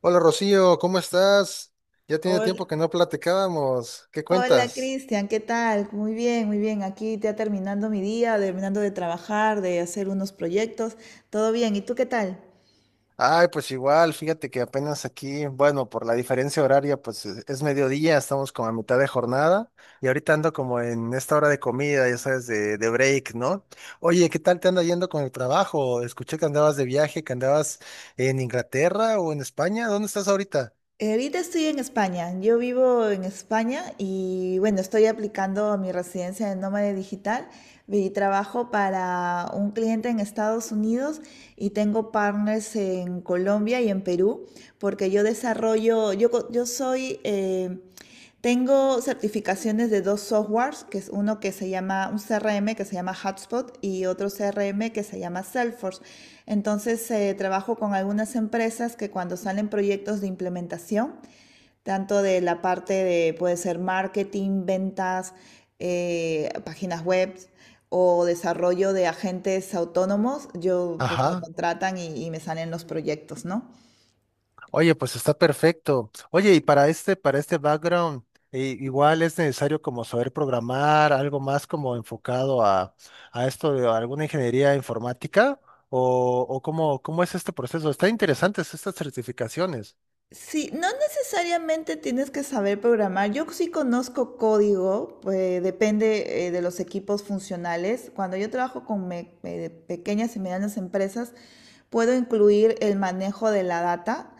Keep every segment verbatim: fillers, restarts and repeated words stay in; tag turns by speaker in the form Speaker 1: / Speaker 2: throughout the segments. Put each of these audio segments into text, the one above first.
Speaker 1: Hola Rocío, ¿cómo estás? Ya tiene
Speaker 2: Hola,
Speaker 1: tiempo que no platicábamos. ¿Qué
Speaker 2: hola
Speaker 1: cuentas?
Speaker 2: Cristian, ¿qué tal? Muy bien, muy bien. Aquí ya terminando mi día, terminando de trabajar, de hacer unos proyectos. Todo bien, ¿y tú qué tal?
Speaker 1: Ay, pues igual, fíjate que apenas aquí, bueno, por la diferencia horaria, pues es es mediodía, estamos como a mitad de jornada y ahorita ando como en esta hora de comida, ya sabes, de, de break, ¿no? Oye, ¿qué tal te anda yendo con el trabajo? Escuché que andabas de viaje, que andabas en Inglaterra o en España. ¿Dónde estás ahorita?
Speaker 2: Eh, Ahorita estoy en España. Yo vivo en España y bueno, estoy aplicando mi residencia de nómada digital y trabajo para un cliente en Estados Unidos y tengo partners en Colombia y en Perú porque yo desarrollo, yo, co- yo soy... eh, tengo certificaciones de dos softwares, que es uno que se llama, un C R M que se llama Hubspot y otro C R M que se llama Salesforce. Entonces, eh, trabajo con algunas empresas que cuando salen proyectos de implementación, tanto de la parte de, puede ser marketing, ventas, eh, páginas web o desarrollo de agentes autónomos, yo pues me
Speaker 1: Ajá.
Speaker 2: contratan y, y me salen los proyectos, ¿no?
Speaker 1: Oye, pues está perfecto. Oye, y para este, para este background, eh, igual es necesario como saber programar, algo más como enfocado a, a esto de alguna ingeniería informática, o, o cómo, cómo es este proceso. Están interesantes estas certificaciones.
Speaker 2: Sí, no necesariamente tienes que saber programar. Yo sí conozco código, pues, depende eh, de los equipos funcionales. Cuando yo trabajo con me- eh, pequeñas y medianas empresas, puedo incluir el manejo de la data.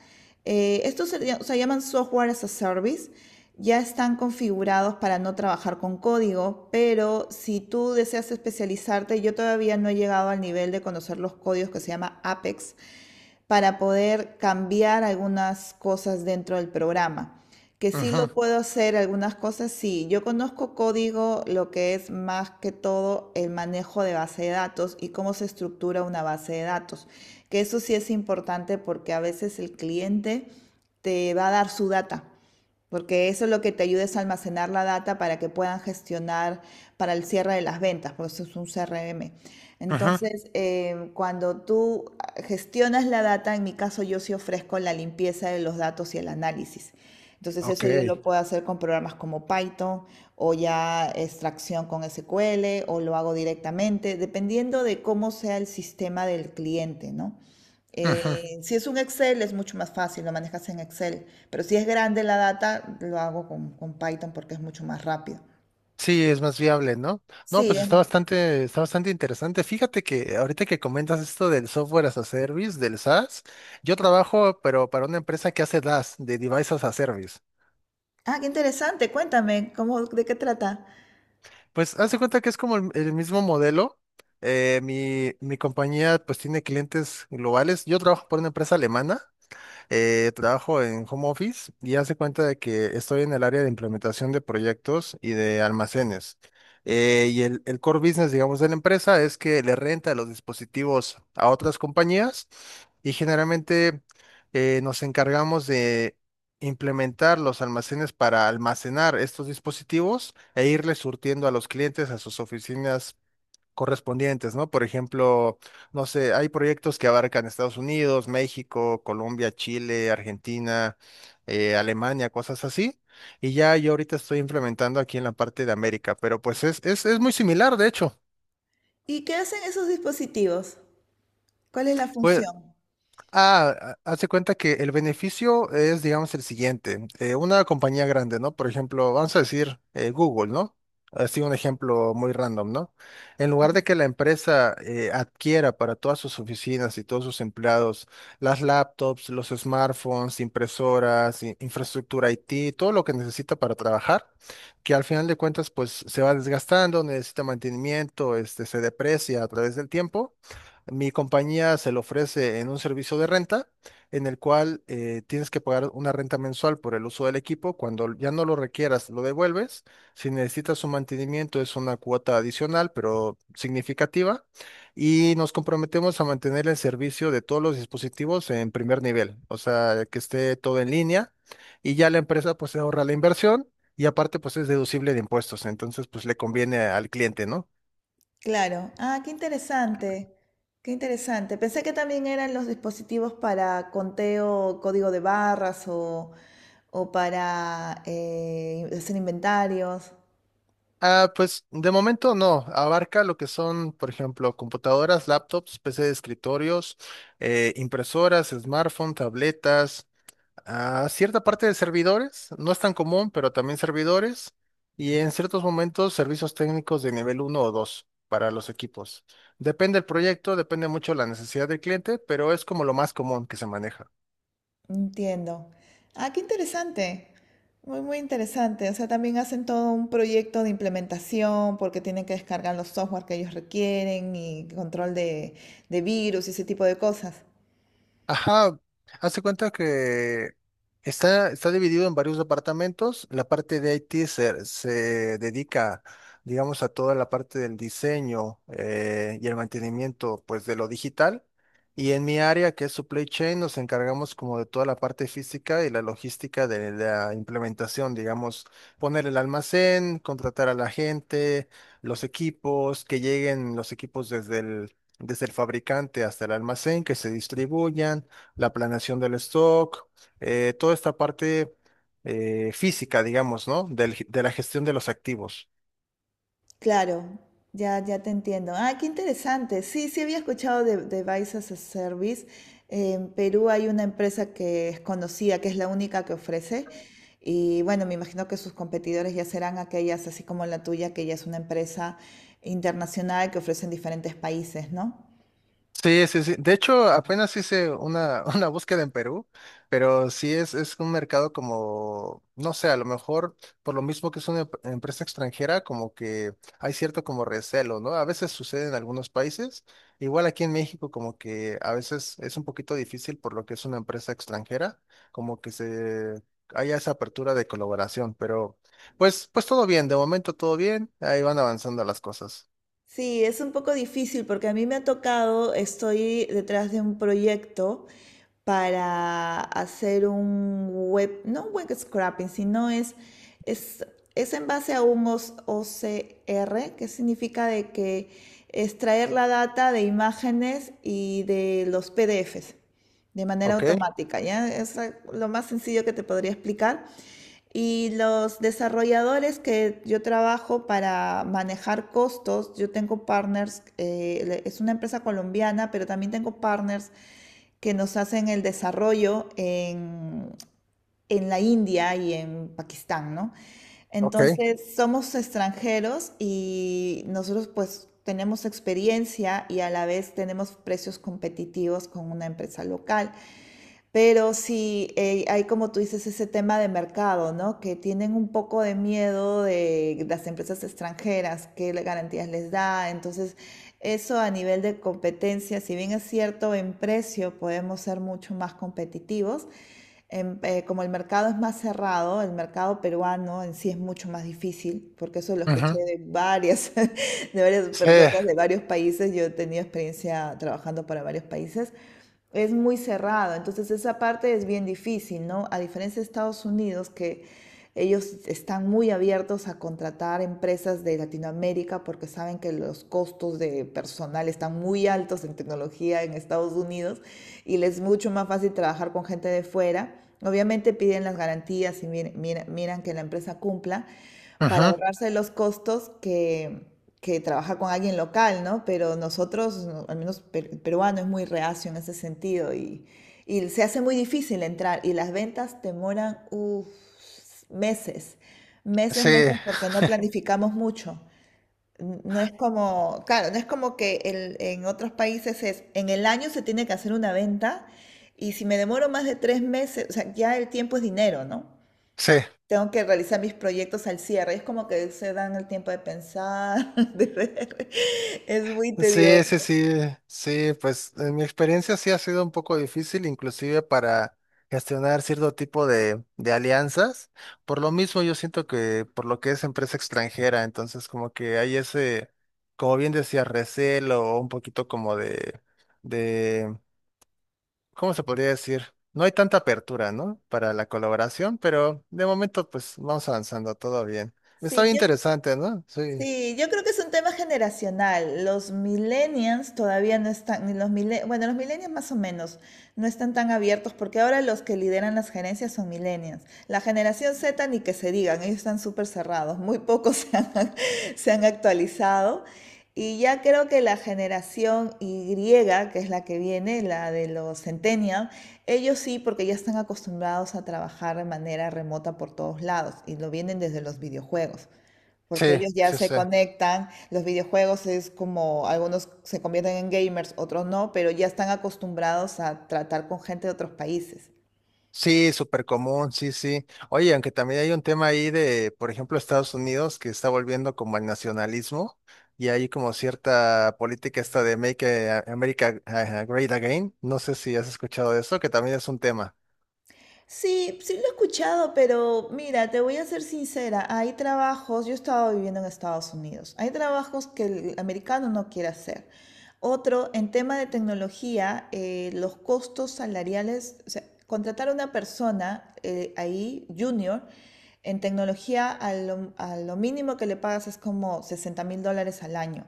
Speaker 2: Eh, estos se, lla- se llaman software as a service. Ya están configurados para no trabajar con código, pero si tú deseas especializarte, yo todavía no he llegado al nivel de conocer los códigos que se llama Apex para poder cambiar algunas cosas dentro del programa. Que sí lo
Speaker 1: Ujú,
Speaker 2: puedo hacer algunas cosas, sí. Yo conozco código, lo que es más que todo el manejo de base de datos y cómo se estructura una base de datos. Que eso sí es importante porque a veces el cliente te va a dar su data porque eso es lo que te ayuda a almacenar la data para que puedan gestionar para el cierre de las ventas, por eso es un C R M.
Speaker 1: ujú,
Speaker 2: Entonces, eh, cuando tú gestionas la data, en mi caso yo sí ofrezco la limpieza de los datos y el análisis. Entonces,
Speaker 1: ok.
Speaker 2: eso yo lo puedo hacer con programas como Python o ya extracción con S Q L o lo hago directamente, dependiendo de cómo sea el sistema del cliente, ¿no?
Speaker 1: Ujú.
Speaker 2: Eh, si es un Excel es mucho más fácil, lo manejas en Excel, pero si es grande la data, lo hago con, con Python porque es mucho más rápido.
Speaker 1: Sí, es más viable, ¿no? No,
Speaker 2: Sí,
Speaker 1: pues
Speaker 2: es
Speaker 1: está
Speaker 2: más.
Speaker 1: bastante, está bastante interesante. Fíjate que ahorita que comentas esto del software as a service, del SaaS, yo trabajo, pero para una empresa que hace DaaS, de Devices as a Service.
Speaker 2: Ah, qué interesante, cuéntame, ¿cómo, de qué trata?
Speaker 1: Pues haz de cuenta que es como el, el mismo modelo. Eh, mi, mi compañía pues tiene clientes globales. Yo trabajo por una empresa alemana, eh, trabajo en home office y hace cuenta de que estoy en el área de implementación de proyectos y de almacenes. Eh, y el, el core business, digamos, de la empresa es que le renta los dispositivos a otras compañías y generalmente eh, nos encargamos de implementar los almacenes para almacenar estos dispositivos e irles surtiendo a los clientes a sus oficinas correspondientes, ¿no? Por ejemplo, no sé, hay proyectos que abarcan Estados Unidos, México, Colombia, Chile, Argentina, eh, Alemania, cosas así. Y ya yo ahorita estoy implementando aquí en la parte de América, pero pues es, es, es muy similar, de hecho.
Speaker 2: ¿Y qué hacen esos dispositivos? ¿Cuál es la
Speaker 1: Pues
Speaker 2: función?
Speaker 1: ah, ha- hace cuenta que el beneficio es, digamos, el siguiente. Eh, una compañía grande, ¿no? Por ejemplo, vamos a decir eh, Google, ¿no? Así un ejemplo muy random, ¿no? En lugar de que la empresa eh, adquiera para todas sus oficinas y todos sus empleados las laptops, los smartphones, impresoras, i- infraestructura I T, todo lo que necesita para trabajar, que al final de cuentas, pues se va desgastando, necesita mantenimiento, este, se deprecia a través del tiempo. Mi compañía se lo ofrece en un servicio de renta en el cual eh, tienes que pagar una renta mensual por el uso del equipo. Cuando ya no lo requieras, lo devuelves. Si necesitas su mantenimiento, es una cuota adicional, pero significativa. Y nos comprometemos a mantener el servicio de todos los dispositivos en primer nivel, o sea, que esté todo en línea. Y ya la empresa pues se ahorra la inversión y aparte pues es deducible de impuestos. Entonces pues le conviene al cliente, ¿no?
Speaker 2: Claro, ah, qué interesante, qué interesante. Pensé que también eran los dispositivos para conteo, código de barras o, o para eh, hacer inventarios.
Speaker 1: Ah, pues de momento no, abarca lo que son, por ejemplo, computadoras, laptops, P C de escritorios, eh, impresoras, smartphone, tabletas, ah, cierta parte de servidores, no es tan común, pero también servidores, y en ciertos momentos servicios técnicos de nivel uno o dos para los equipos. Depende del proyecto, depende mucho la necesidad del cliente, pero es como lo más común que se maneja.
Speaker 2: Entiendo. Ah, qué interesante. Muy, muy interesante. O sea, también hacen todo un proyecto de implementación porque tienen que descargar los software que ellos requieren y control de, de virus y ese tipo de cosas.
Speaker 1: Ajá, hace cuenta que está, está dividido en varios departamentos. La parte de I T se, se dedica, digamos, a toda la parte del diseño, eh, y el mantenimiento, pues, de lo digital. Y en mi área, que es supply chain, nos encargamos como de toda la parte física y la logística de la implementación, digamos, poner el almacén, contratar a la gente, los equipos, que lleguen los equipos desde el desde el fabricante hasta el almacén, que se distribuyan, la planeación del stock, eh, toda esta parte eh, física, digamos, ¿no? Del- de la gestión de los activos.
Speaker 2: Claro, ya, ya te entiendo. Ah, qué interesante. Sí, sí había escuchado de, de as a Service. En Perú hay una empresa que es conocida, que es la única que ofrece. Y bueno, me imagino que sus competidores ya serán aquellas, así como la tuya, que ya es una empresa internacional que ofrece en diferentes países, ¿no?
Speaker 1: Sí, sí, sí. De hecho, apenas hice una, una búsqueda en Perú, pero sí es, es un mercado como, no sé, a lo mejor por lo mismo que es una em- empresa extranjera, como que hay cierto como recelo, ¿no? A veces sucede en algunos países, igual aquí en México como que a veces es un poquito difícil por lo que es una empresa extranjera, como que se haya esa apertura de colaboración, pero pues, pues todo bien, de momento todo bien, ahí van avanzando las cosas.
Speaker 2: Sí, es un poco difícil porque a mí me ha tocado, estoy detrás de un proyecto para hacer un web, no un web scrapping, sino es, es, es en base a un O S O C R, que significa de que extraer la data de imágenes y de los P D Fs de manera
Speaker 1: Ok,
Speaker 2: automática, ¿ya? Es la- lo más sencillo que te podría explicar. Y los desarrolladores que yo trabajo para manejar costos, yo tengo partners, eh, es una empresa colombiana, pero también tengo partners que nos hacen el desarrollo en, en la India y en Pakistán, ¿no?
Speaker 1: ok.
Speaker 2: Entonces, somos extranjeros y nosotros pues tenemos experiencia y a la vez tenemos precios competitivos con una empresa local. Pero sí, eh, hay como tú dices ese tema de mercado, ¿no? Que tienen un poco de miedo de las empresas extranjeras, qué le- garantías les da. Entonces, eso a nivel de competencia, si bien es cierto, en precio podemos ser mucho más competitivos. En- eh, como el mercado es más cerrado, el mercado peruano en sí es mucho más difícil, porque eso lo escuché
Speaker 1: Ujú.
Speaker 2: de varias, de varias
Speaker 1: Sí.
Speaker 2: personas de varios países. Yo he tenido experiencia trabajando para varios países, es muy cerrado, entonces esa parte es bien difícil, ¿no? A diferencia de Estados Unidos, que ellos están muy abiertos a contratar empresas de Latinoamérica porque saben que los costos de personal están muy altos en tecnología en Estados Unidos y les es mucho más fácil trabajar con gente de fuera. Obviamente piden las garantías y miran, miran, que la empresa cumpla, para
Speaker 1: Ujú.
Speaker 2: ahorrarse los costos que, que trabajar con alguien local, ¿no? Pero nosotros, no, al menos per- el peruano, es muy reacio en ese sentido y, y se hace muy difícil entrar y las ventas demoran uf, meses, meses,
Speaker 1: Sí,
Speaker 2: meses porque no planificamos mucho. N- No es como, claro, no es como que el- en otros países es, en el año se tiene que hacer una venta y si me demoro más de tres meses, o sea, ya el tiempo es dinero, ¿no?
Speaker 1: sí,
Speaker 2: Tengo que realizar mis proyectos al cierre. Es como que se dan el tiempo de pensar, de ver. Es muy
Speaker 1: sí, sí,
Speaker 2: tedioso.
Speaker 1: sí, sí, pues en mi experiencia sí ha sido un poco difícil, inclusive para gestionar cierto tipo de, de alianzas. Por lo mismo, yo siento que por lo que es empresa extranjera, entonces como que hay ese, como bien decía, recelo o un poquito como de, de, ¿cómo se podría decir? No hay tanta apertura, ¿no? Para la colaboración, pero de momento pues vamos avanzando, todo bien. Está
Speaker 2: Sí,
Speaker 1: bien
Speaker 2: yo
Speaker 1: interesante, ¿no? Sí,
Speaker 2: Sí, yo creo que es un tema generacional. Los millennials todavía no están, ni los mille- bueno, los millennials más o menos no están tan abiertos porque ahora los que lideran las gerencias son millennials. La generación Z ni que se digan, ellos están súper cerrados, muy pocos se han, se han actualizado. Y ya creo que la generación Y, que es la que viene, la de los centennials, ellos sí, porque ya están acostumbrados a trabajar de manera remota por todos lados y lo vienen desde los videojuegos porque
Speaker 1: sí,
Speaker 2: ellos ya
Speaker 1: sí,
Speaker 2: se
Speaker 1: sí.
Speaker 2: conectan, los videojuegos es como algunos se convierten en gamers, otros no, pero ya están acostumbrados a tratar con gente de otros países.
Speaker 1: Sí, súper común, sí, sí. Oye, aunque también hay un tema ahí de, por ejemplo, Estados Unidos que está volviendo como al nacionalismo y hay como cierta política esta de Make eh, America eh, Great Again. No sé si has escuchado de eso, que también es un tema.
Speaker 2: Sí, sí lo he escuchado, pero mira, te voy a ser sincera, hay trabajos, yo estaba viviendo en Estados Unidos, hay trabajos que el americano no quiere hacer. Otro, en tema de tecnología, eh, los costos salariales, o sea, contratar a una persona eh, ahí, junior, en tecnología, a lo, a lo mínimo que le pagas es como sesenta mil dólares al año.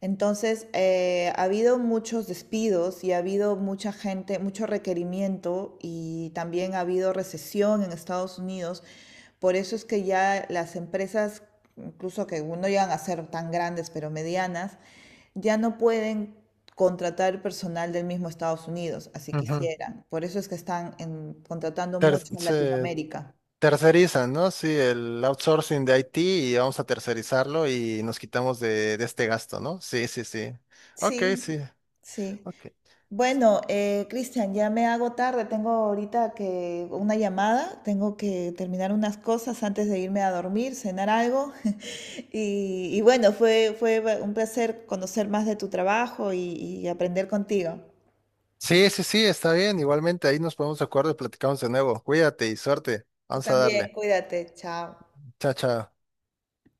Speaker 2: Entonces, eh, ha habido muchos despidos y ha habido mucha gente, mucho requerimiento y también ha habido recesión en Estados Unidos. Por eso es que ya las empresas, incluso que no llegan a ser tan grandes, pero medianas, ya no pueden contratar personal del mismo Estados Unidos, así
Speaker 1: Ujú.
Speaker 2: quisieran. Por eso es que están en- contratando
Speaker 1: Ter-
Speaker 2: mucho en
Speaker 1: se
Speaker 2: Latinoamérica.
Speaker 1: tercerizan, ¿no? Sí, el outsourcing de I T y vamos a tercerizarlo y nos quitamos de, de este gasto, ¿no? Sí, sí, sí. Ok,
Speaker 2: Sí,
Speaker 1: sí.
Speaker 2: sí.
Speaker 1: Ok.
Speaker 2: Bueno, eh, Cristian, ya me hago tarde, tengo ahorita que una llamada, tengo que terminar unas cosas antes de irme a dormir, cenar algo. Y, y bueno, fue, fue ba- un placer conocer más de tu trabajo y, y aprender contigo.
Speaker 1: Sí, sí, sí, está bien. Igualmente ahí nos ponemos de acuerdo y platicamos de nuevo. Cuídate y suerte.
Speaker 2: Tú
Speaker 1: Vamos a
Speaker 2: también,
Speaker 1: darle.
Speaker 2: cuídate, chao.
Speaker 1: Chao, chao.